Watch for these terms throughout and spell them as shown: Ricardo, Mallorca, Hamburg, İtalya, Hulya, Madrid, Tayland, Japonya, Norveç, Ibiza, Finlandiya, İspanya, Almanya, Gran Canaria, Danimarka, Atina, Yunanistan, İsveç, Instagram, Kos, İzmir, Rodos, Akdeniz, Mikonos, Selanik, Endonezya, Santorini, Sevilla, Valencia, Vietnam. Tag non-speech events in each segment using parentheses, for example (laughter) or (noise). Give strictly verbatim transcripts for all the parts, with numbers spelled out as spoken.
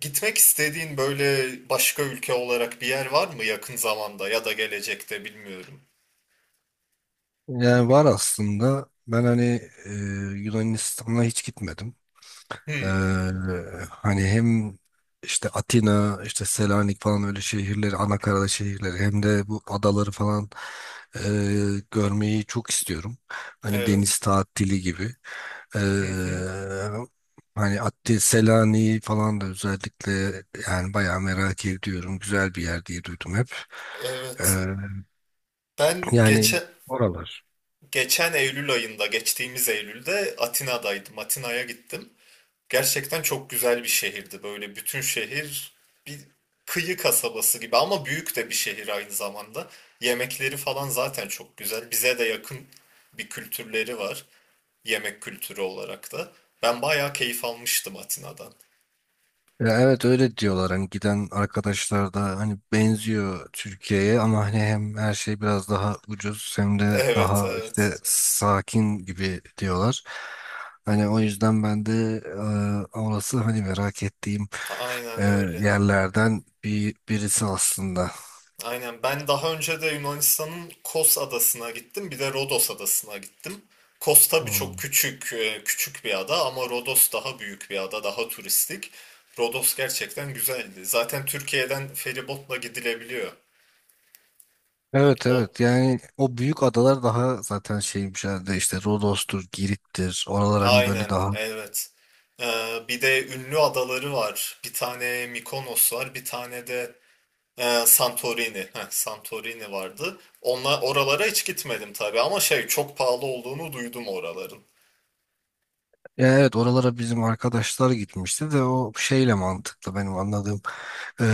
Gitmek istediğin böyle başka ülke olarak bir yer var mı yakın zamanda ya da gelecekte bilmiyorum. Yani var aslında. Ben hani e, Yunanistan'a hiç gitmedim. E, Hmm, Hani hem işte Atina, işte Selanik falan öyle şehirleri, Anakarada şehirleri hem de bu adaları falan e, görmeyi çok istiyorum. Hani deniz evet. tatili gibi. E, Hı hı, Hani Ati, Selanik'i falan da özellikle yani bayağı merak ediyorum. Güzel bir yer diye duydum hep. E, evet. Ben Yani geçe, oralar. Geçen Eylül ayında, geçtiğimiz Eylül'de Atina'daydım. Atina'ya gittim. Gerçekten çok güzel bir şehirdi. Böyle bütün şehir bir kıyı kasabası gibi ama büyük de bir şehir aynı zamanda. Yemekleri falan zaten çok güzel. Bize de yakın bir kültürleri var, yemek kültürü olarak da. Ben bayağı keyif almıştım Atina'dan. Ya evet, öyle diyorlar, hani giden arkadaşlar da, hani benziyor Türkiye'ye ama hani hem her şey biraz daha ucuz hem de Evet, daha evet. işte sakin gibi diyorlar. Hani o yüzden ben de e, orası hani merak ettiğim e, Aynen öyle. yerlerden bir birisi aslında. Aynen. Ben daha önce de Yunanistan'ın Kos adasına gittim. Bir de Rodos adasına gittim. Kos tabii çok Hmm. küçük, e, küçük bir ada, ama Rodos daha büyük bir ada, daha turistik. Rodos gerçekten güzeldi. Zaten Türkiye'den feribotla gidilebiliyor. Evet, O evet, yani o büyük adalar daha zaten şeymiş herhalde, işte Rodos'tur, Girit'tir. Oralar hani böyle aynen, daha. evet. Ee, bir de ünlü adaları var. Bir tane Mikonos var, bir tane de Ee, Santorini. Heh, Santorini vardı. Onlar oralara hiç gitmedim tabii ama şey, çok pahalı olduğunu duydum oraların. Ya evet, oralara bizim arkadaşlar gitmişti de o şeyle mantıklı benim anladığım. Ee,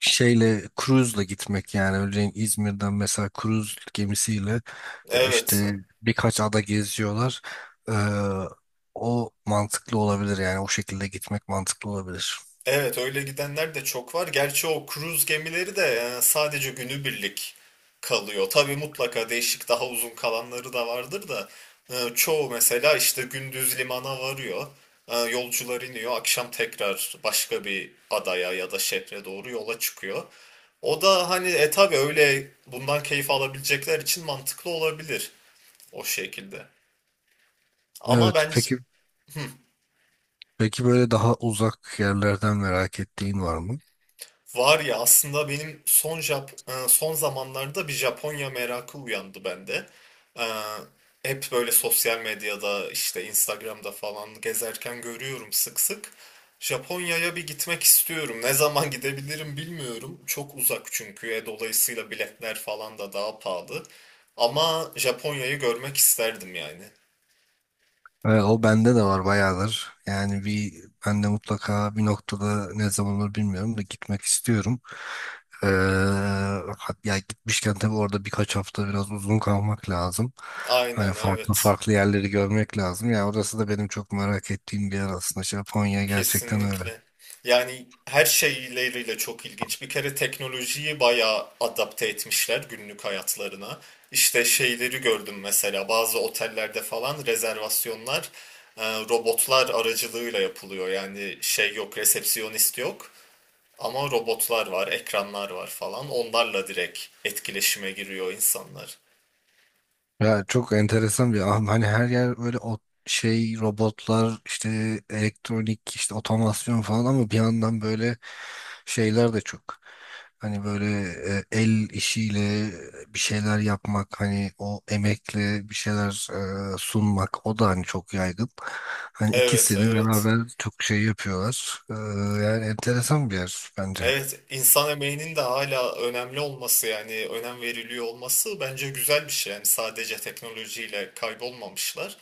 Şeyle cruise'la gitmek, yani örneğin İzmir'den mesela cruise gemisiyle e, Evet. işte birkaç ada geziyorlar. Ee, O mantıklı olabilir, yani o şekilde gitmek mantıklı olabilir. Evet, öyle gidenler de çok var. Gerçi o kruz gemileri de e, sadece günübirlik kalıyor. Tabii mutlaka değişik daha uzun kalanları da vardır da e, çoğu mesela işte gündüz limana varıyor. E, Yolcular iniyor. Akşam tekrar başka bir adaya ya da şehre doğru yola çıkıyor. O da hani e tabii öyle bundan keyif alabilecekler için mantıklı olabilir o şekilde. Ama Evet, ben peki, peki böyle daha uzak yerlerden merak ettiğin var mı? Var ya, aslında benim son Jap e, son zamanlarda bir Japonya merakı uyandı bende. E, Hep böyle sosyal medyada işte Instagram'da falan gezerken görüyorum sık sık. Japonya'ya bir gitmek istiyorum. Ne zaman gidebilirim bilmiyorum. Çok uzak çünkü. E, dolayısıyla biletler falan da daha pahalı. Ama Japonya'yı görmek isterdim yani. Evet, o bende de var bayağıdır. Yani bir, ben de mutlaka bir noktada, ne zaman olur bilmiyorum da, gitmek istiyorum. Ee, hat- ya gitmişken tabii orada birkaç hafta biraz uzun kalmak lazım. Hani Aynen, farklı evet. farklı yerleri görmek lazım. Yani orası da benim çok merak ettiğim bir yer aslında. İşte Japonya gerçekten öyle. Kesinlikle. Yani her şeyleriyle çok ilginç. Bir kere teknolojiyi bayağı adapte etmişler günlük hayatlarına. İşte şeyleri gördüm, mesela bazı otellerde falan rezervasyonlar e, robotlar aracılığıyla yapılıyor. Yani şey yok, resepsiyonist yok, ama robotlar var, ekranlar var falan. Onlarla direkt etkileşime giriyor insanlar. Ya çok enteresan bir an. Hani her yer böyle o şey, robotlar, işte elektronik, işte otomasyon falan, ama bir yandan böyle şeyler de çok. Hani böyle e, el işiyle bir şeyler yapmak, hani o emekle bir şeyler e, sunmak, o da hani çok yaygın. Hani Evet, ikisini evet. beraber çok şey yapıyorlar. E, yani enteresan bir yer bence. Evet, insan emeğinin de hala önemli olması, yani önem veriliyor olması bence güzel bir şey. Yani sadece teknolojiyle kaybolmamışlar.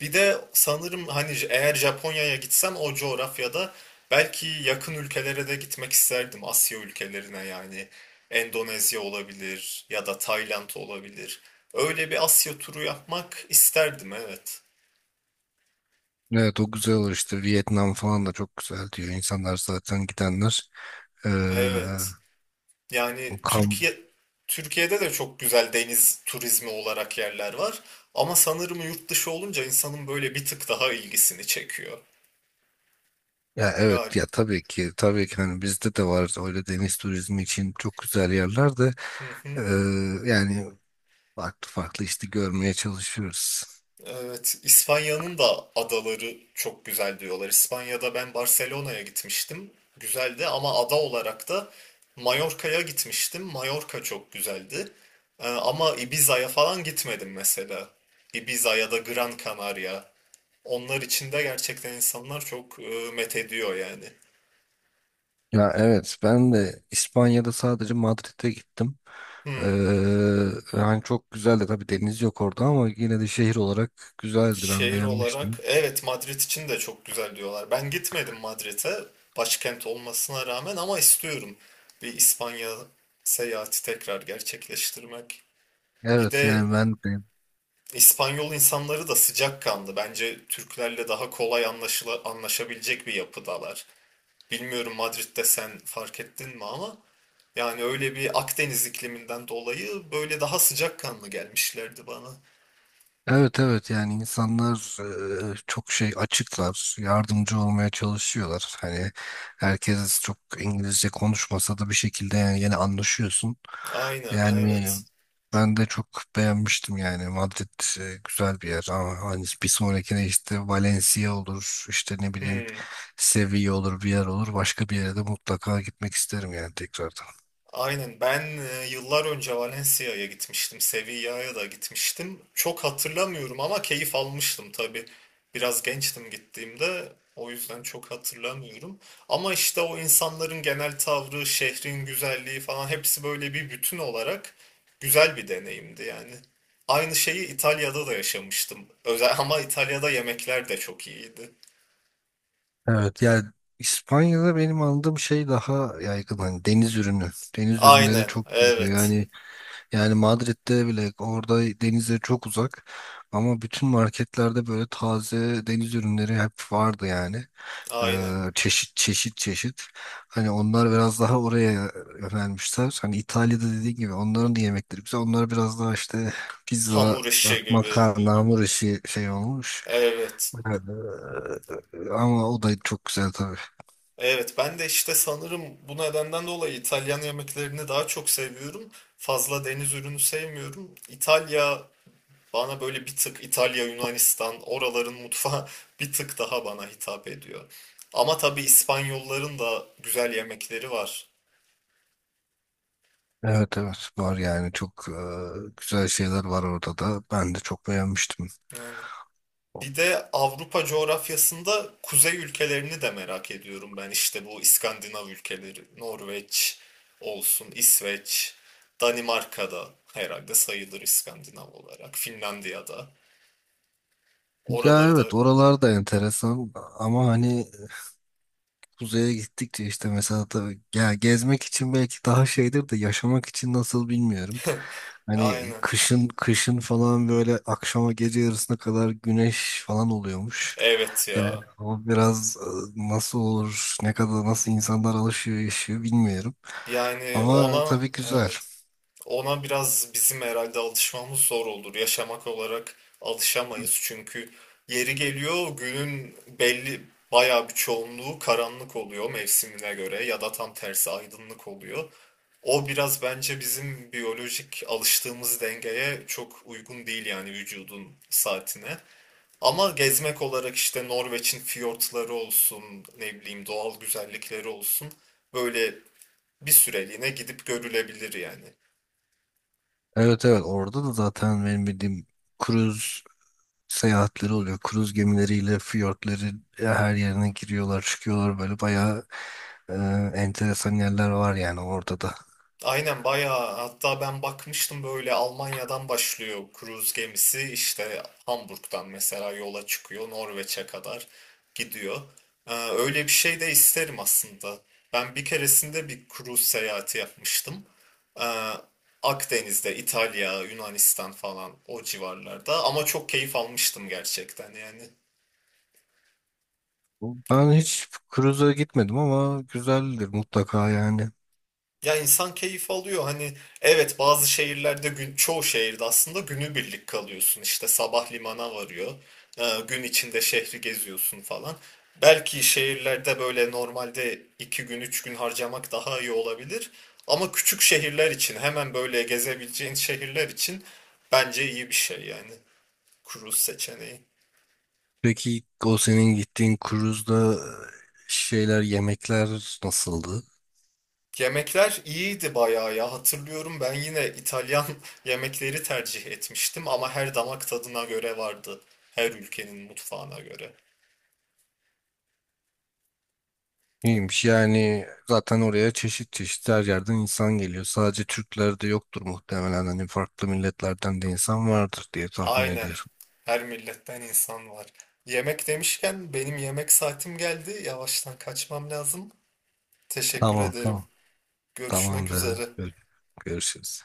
Bir de sanırım hani eğer Japonya'ya gitsem, o coğrafyada belki yakın ülkelere de gitmek isterdim. Asya ülkelerine yani. Endonezya olabilir ya da Tayland olabilir. Öyle bir Asya turu yapmak isterdim, evet. Evet, o güzel olur, işte Vietnam falan da çok güzel diyor İnsanlar zaten, gidenler. eee Evet. Yani kam Türkiye Türkiye'de de çok güzel deniz turizmi olarak yerler var. Ama sanırım yurt dışı olunca insanın böyle bir tık daha ilgisini çekiyor. ya evet, Gal, ya tabii ki, tabii ki, hani bizde de var öyle deniz turizmi için çok güzel yerler de. hı eee, hı. Yani farklı farklı işte görmeye çalışıyoruz. Evet, İspanya'nın da adaları çok güzel diyorlar. İspanya'da ben Barcelona'ya gitmiştim. Güzeldi, ama ada olarak da Mallorca'ya gitmiştim. Mallorca çok güzeldi. Ee, ama Ibiza'ya falan gitmedim mesela. Ibiza ya da Gran Canaria. Onlar için de gerçekten insanlar çok e, met ediyor yani. Ya evet, ben de İspanya'da sadece Madrid'e gittim. Hmm. Eee yani çok güzeldi tabii, deniz yok orada ama yine de şehir olarak güzeldi, ben Şehir olarak beğenmiştim. evet, Madrid için de çok güzel diyorlar. Ben gitmedim Madrid'e, başkent olmasına rağmen, ama istiyorum bir İspanya seyahati tekrar gerçekleştirmek. Bir Evet, de yani ben de. İspanyol insanları da sıcakkanlı. Bence Türklerle daha kolay anlaşıla, anlaşabilecek bir yapıdalar. Bilmiyorum Madrid'de sen fark ettin mi ama yani öyle bir Akdeniz ikliminden dolayı böyle daha sıcakkanlı gelmişlerdi bana. Evet, evet, yani insanlar e, çok şey açıklar, yardımcı olmaya çalışıyorlar. Hani herkes çok İngilizce konuşmasa da bir şekilde yani yine anlaşıyorsun. Aynen, Yani evet. ben de çok beğenmiştim, yani Madrid e, güzel bir yer, ama hani bir sonrakine işte Valencia olur, işte ne bileyim Hmm. Sevilla olur, bir yer olur. Başka bir yere de mutlaka gitmek isterim, yani tekrardan. Aynen, ben e, yıllar önce Valencia'ya gitmiştim, Sevilla'ya da gitmiştim. Çok hatırlamıyorum ama keyif almıştım tabii. Biraz gençtim gittiğimde, o yüzden çok hatırlamıyorum. Ama işte o insanların genel tavrı, şehrin güzelliği falan, hepsi böyle bir bütün olarak güzel bir deneyimdi yani. Aynı şeyi İtalya'da da yaşamıştım. Özel, ama İtalya'da yemekler de çok iyiydi. Evet, yani İspanya'da benim anladığım şey daha yaygın hani deniz ürünü. Deniz ürünleri Aynen, çok yaygın. evet, Yani, yani Madrid'de bile, orada denize çok uzak ama bütün marketlerde böyle taze deniz ürünleri hep vardı yani. aynen. Ee, çeşit çeşit çeşit. Hani onlar biraz daha oraya yönelmişler. Hani İtalya'da dediğin gibi onların da yemekleri güzel. Onlar biraz daha işte pizza, Hamur işi gibi, makarna, hamur işi şey olmuş. evet. Ee, Ama o da çok güzel tabii. Evet, ben de işte sanırım bu nedenden dolayı İtalyan yemeklerini daha çok seviyorum. Fazla deniz ürünü sevmiyorum. İtalya bana böyle bir tık, İtalya, Yunanistan oraların mutfağı (laughs) bir tık daha bana hitap ediyor. Ama tabii İspanyolların da güzel yemekleri var. Evet, evet, var yani çok e, güzel şeyler var orada da. Ben de çok beğenmiştim. Yani. Bir de Avrupa coğrafyasında kuzey ülkelerini de merak ediyorum ben. İşte bu İskandinav ülkeleri, Norveç olsun, İsveç, Danimarka'da herhalde sayılır İskandinav olarak, Finlandiya'da. Ya Oraları da evet, oralar da enteresan, ama hani kuzeye gittikçe işte, mesela tabii ya, gezmek için belki daha şeydir de yaşamak için nasıl bilmiyorum. (laughs) Hani aynen. kışın kışın falan böyle akşama, gece yarısına kadar güneş falan oluyormuş. Evet Yani ya. o biraz e, nasıl olur, ne kadar, nasıl insanlar alışıyor, yaşıyor bilmiyorum. Yani Ama ona tabii güzel. evet. Ona biraz bizim herhalde alışmamız zor olur. Yaşamak olarak alışamayız. Çünkü yeri geliyor günün belli bayağı bir çoğunluğu karanlık oluyor mevsimine göre, ya da tam tersi aydınlık oluyor. O biraz bence bizim biyolojik alıştığımız dengeye çok uygun değil, yani vücudun saatine. Ama gezmek olarak işte Norveç'in fiyortları olsun, ne bileyim doğal güzellikleri olsun, böyle bir süreliğine gidip görülebilir yani. Evet, evet, orada da zaten benim bildiğim kruz seyahatleri oluyor. Kruz gemileriyle fiyortların her yerine giriyorlar, çıkıyorlar böyle bayağı. Ee, Enteresan yerler var yani orada da. Aynen, bayağı hatta ben bakmıştım, böyle Almanya'dan başlıyor kruz gemisi, işte Hamburg'dan mesela yola çıkıyor, Norveç'e kadar gidiyor. Ee, öyle bir şey de isterim aslında. Ben bir keresinde bir kruz seyahati yapmıştım. Ee, Akdeniz'de İtalya, Yunanistan falan o civarlarda, ama çok keyif almıştım gerçekten yani. Ben hiç cruise'a gitmedim ama güzeldir mutlaka yani. Ya insan keyif alıyor. Hani evet, bazı şehirlerde gün, çoğu şehirde aslında günübirlik kalıyorsun. İşte sabah limana varıyor. Ee, gün içinde şehri geziyorsun falan. Belki şehirlerde böyle normalde iki gün üç gün harcamak daha iyi olabilir. Ama küçük şehirler için, hemen böyle gezebileceğin şehirler için bence iyi bir şey yani. Cruise seçeneği. Peki, o senin gittiğin cruise'da e, şeyler, yemekler nasıldı? Yemekler iyiydi bayağı ya. Hatırlıyorum, ben yine İtalyan (laughs) yemekleri tercih etmiştim, ama her damak tadına göre vardı. Her ülkenin mutfağına göre. İyiymiş yani, zaten oraya çeşit çeşit her yerden insan geliyor. Sadece Türkler de yoktur muhtemelen. Hani farklı milletlerden de insan vardır diye tahmin Aynen. ediyorum. Her milletten insan var. Yemek demişken benim yemek saatim geldi. Yavaştan kaçmam lazım. Teşekkür Tamam, ederim. tamam. Görüşmek Tamamdır. üzere. Gör- Görüşürüz.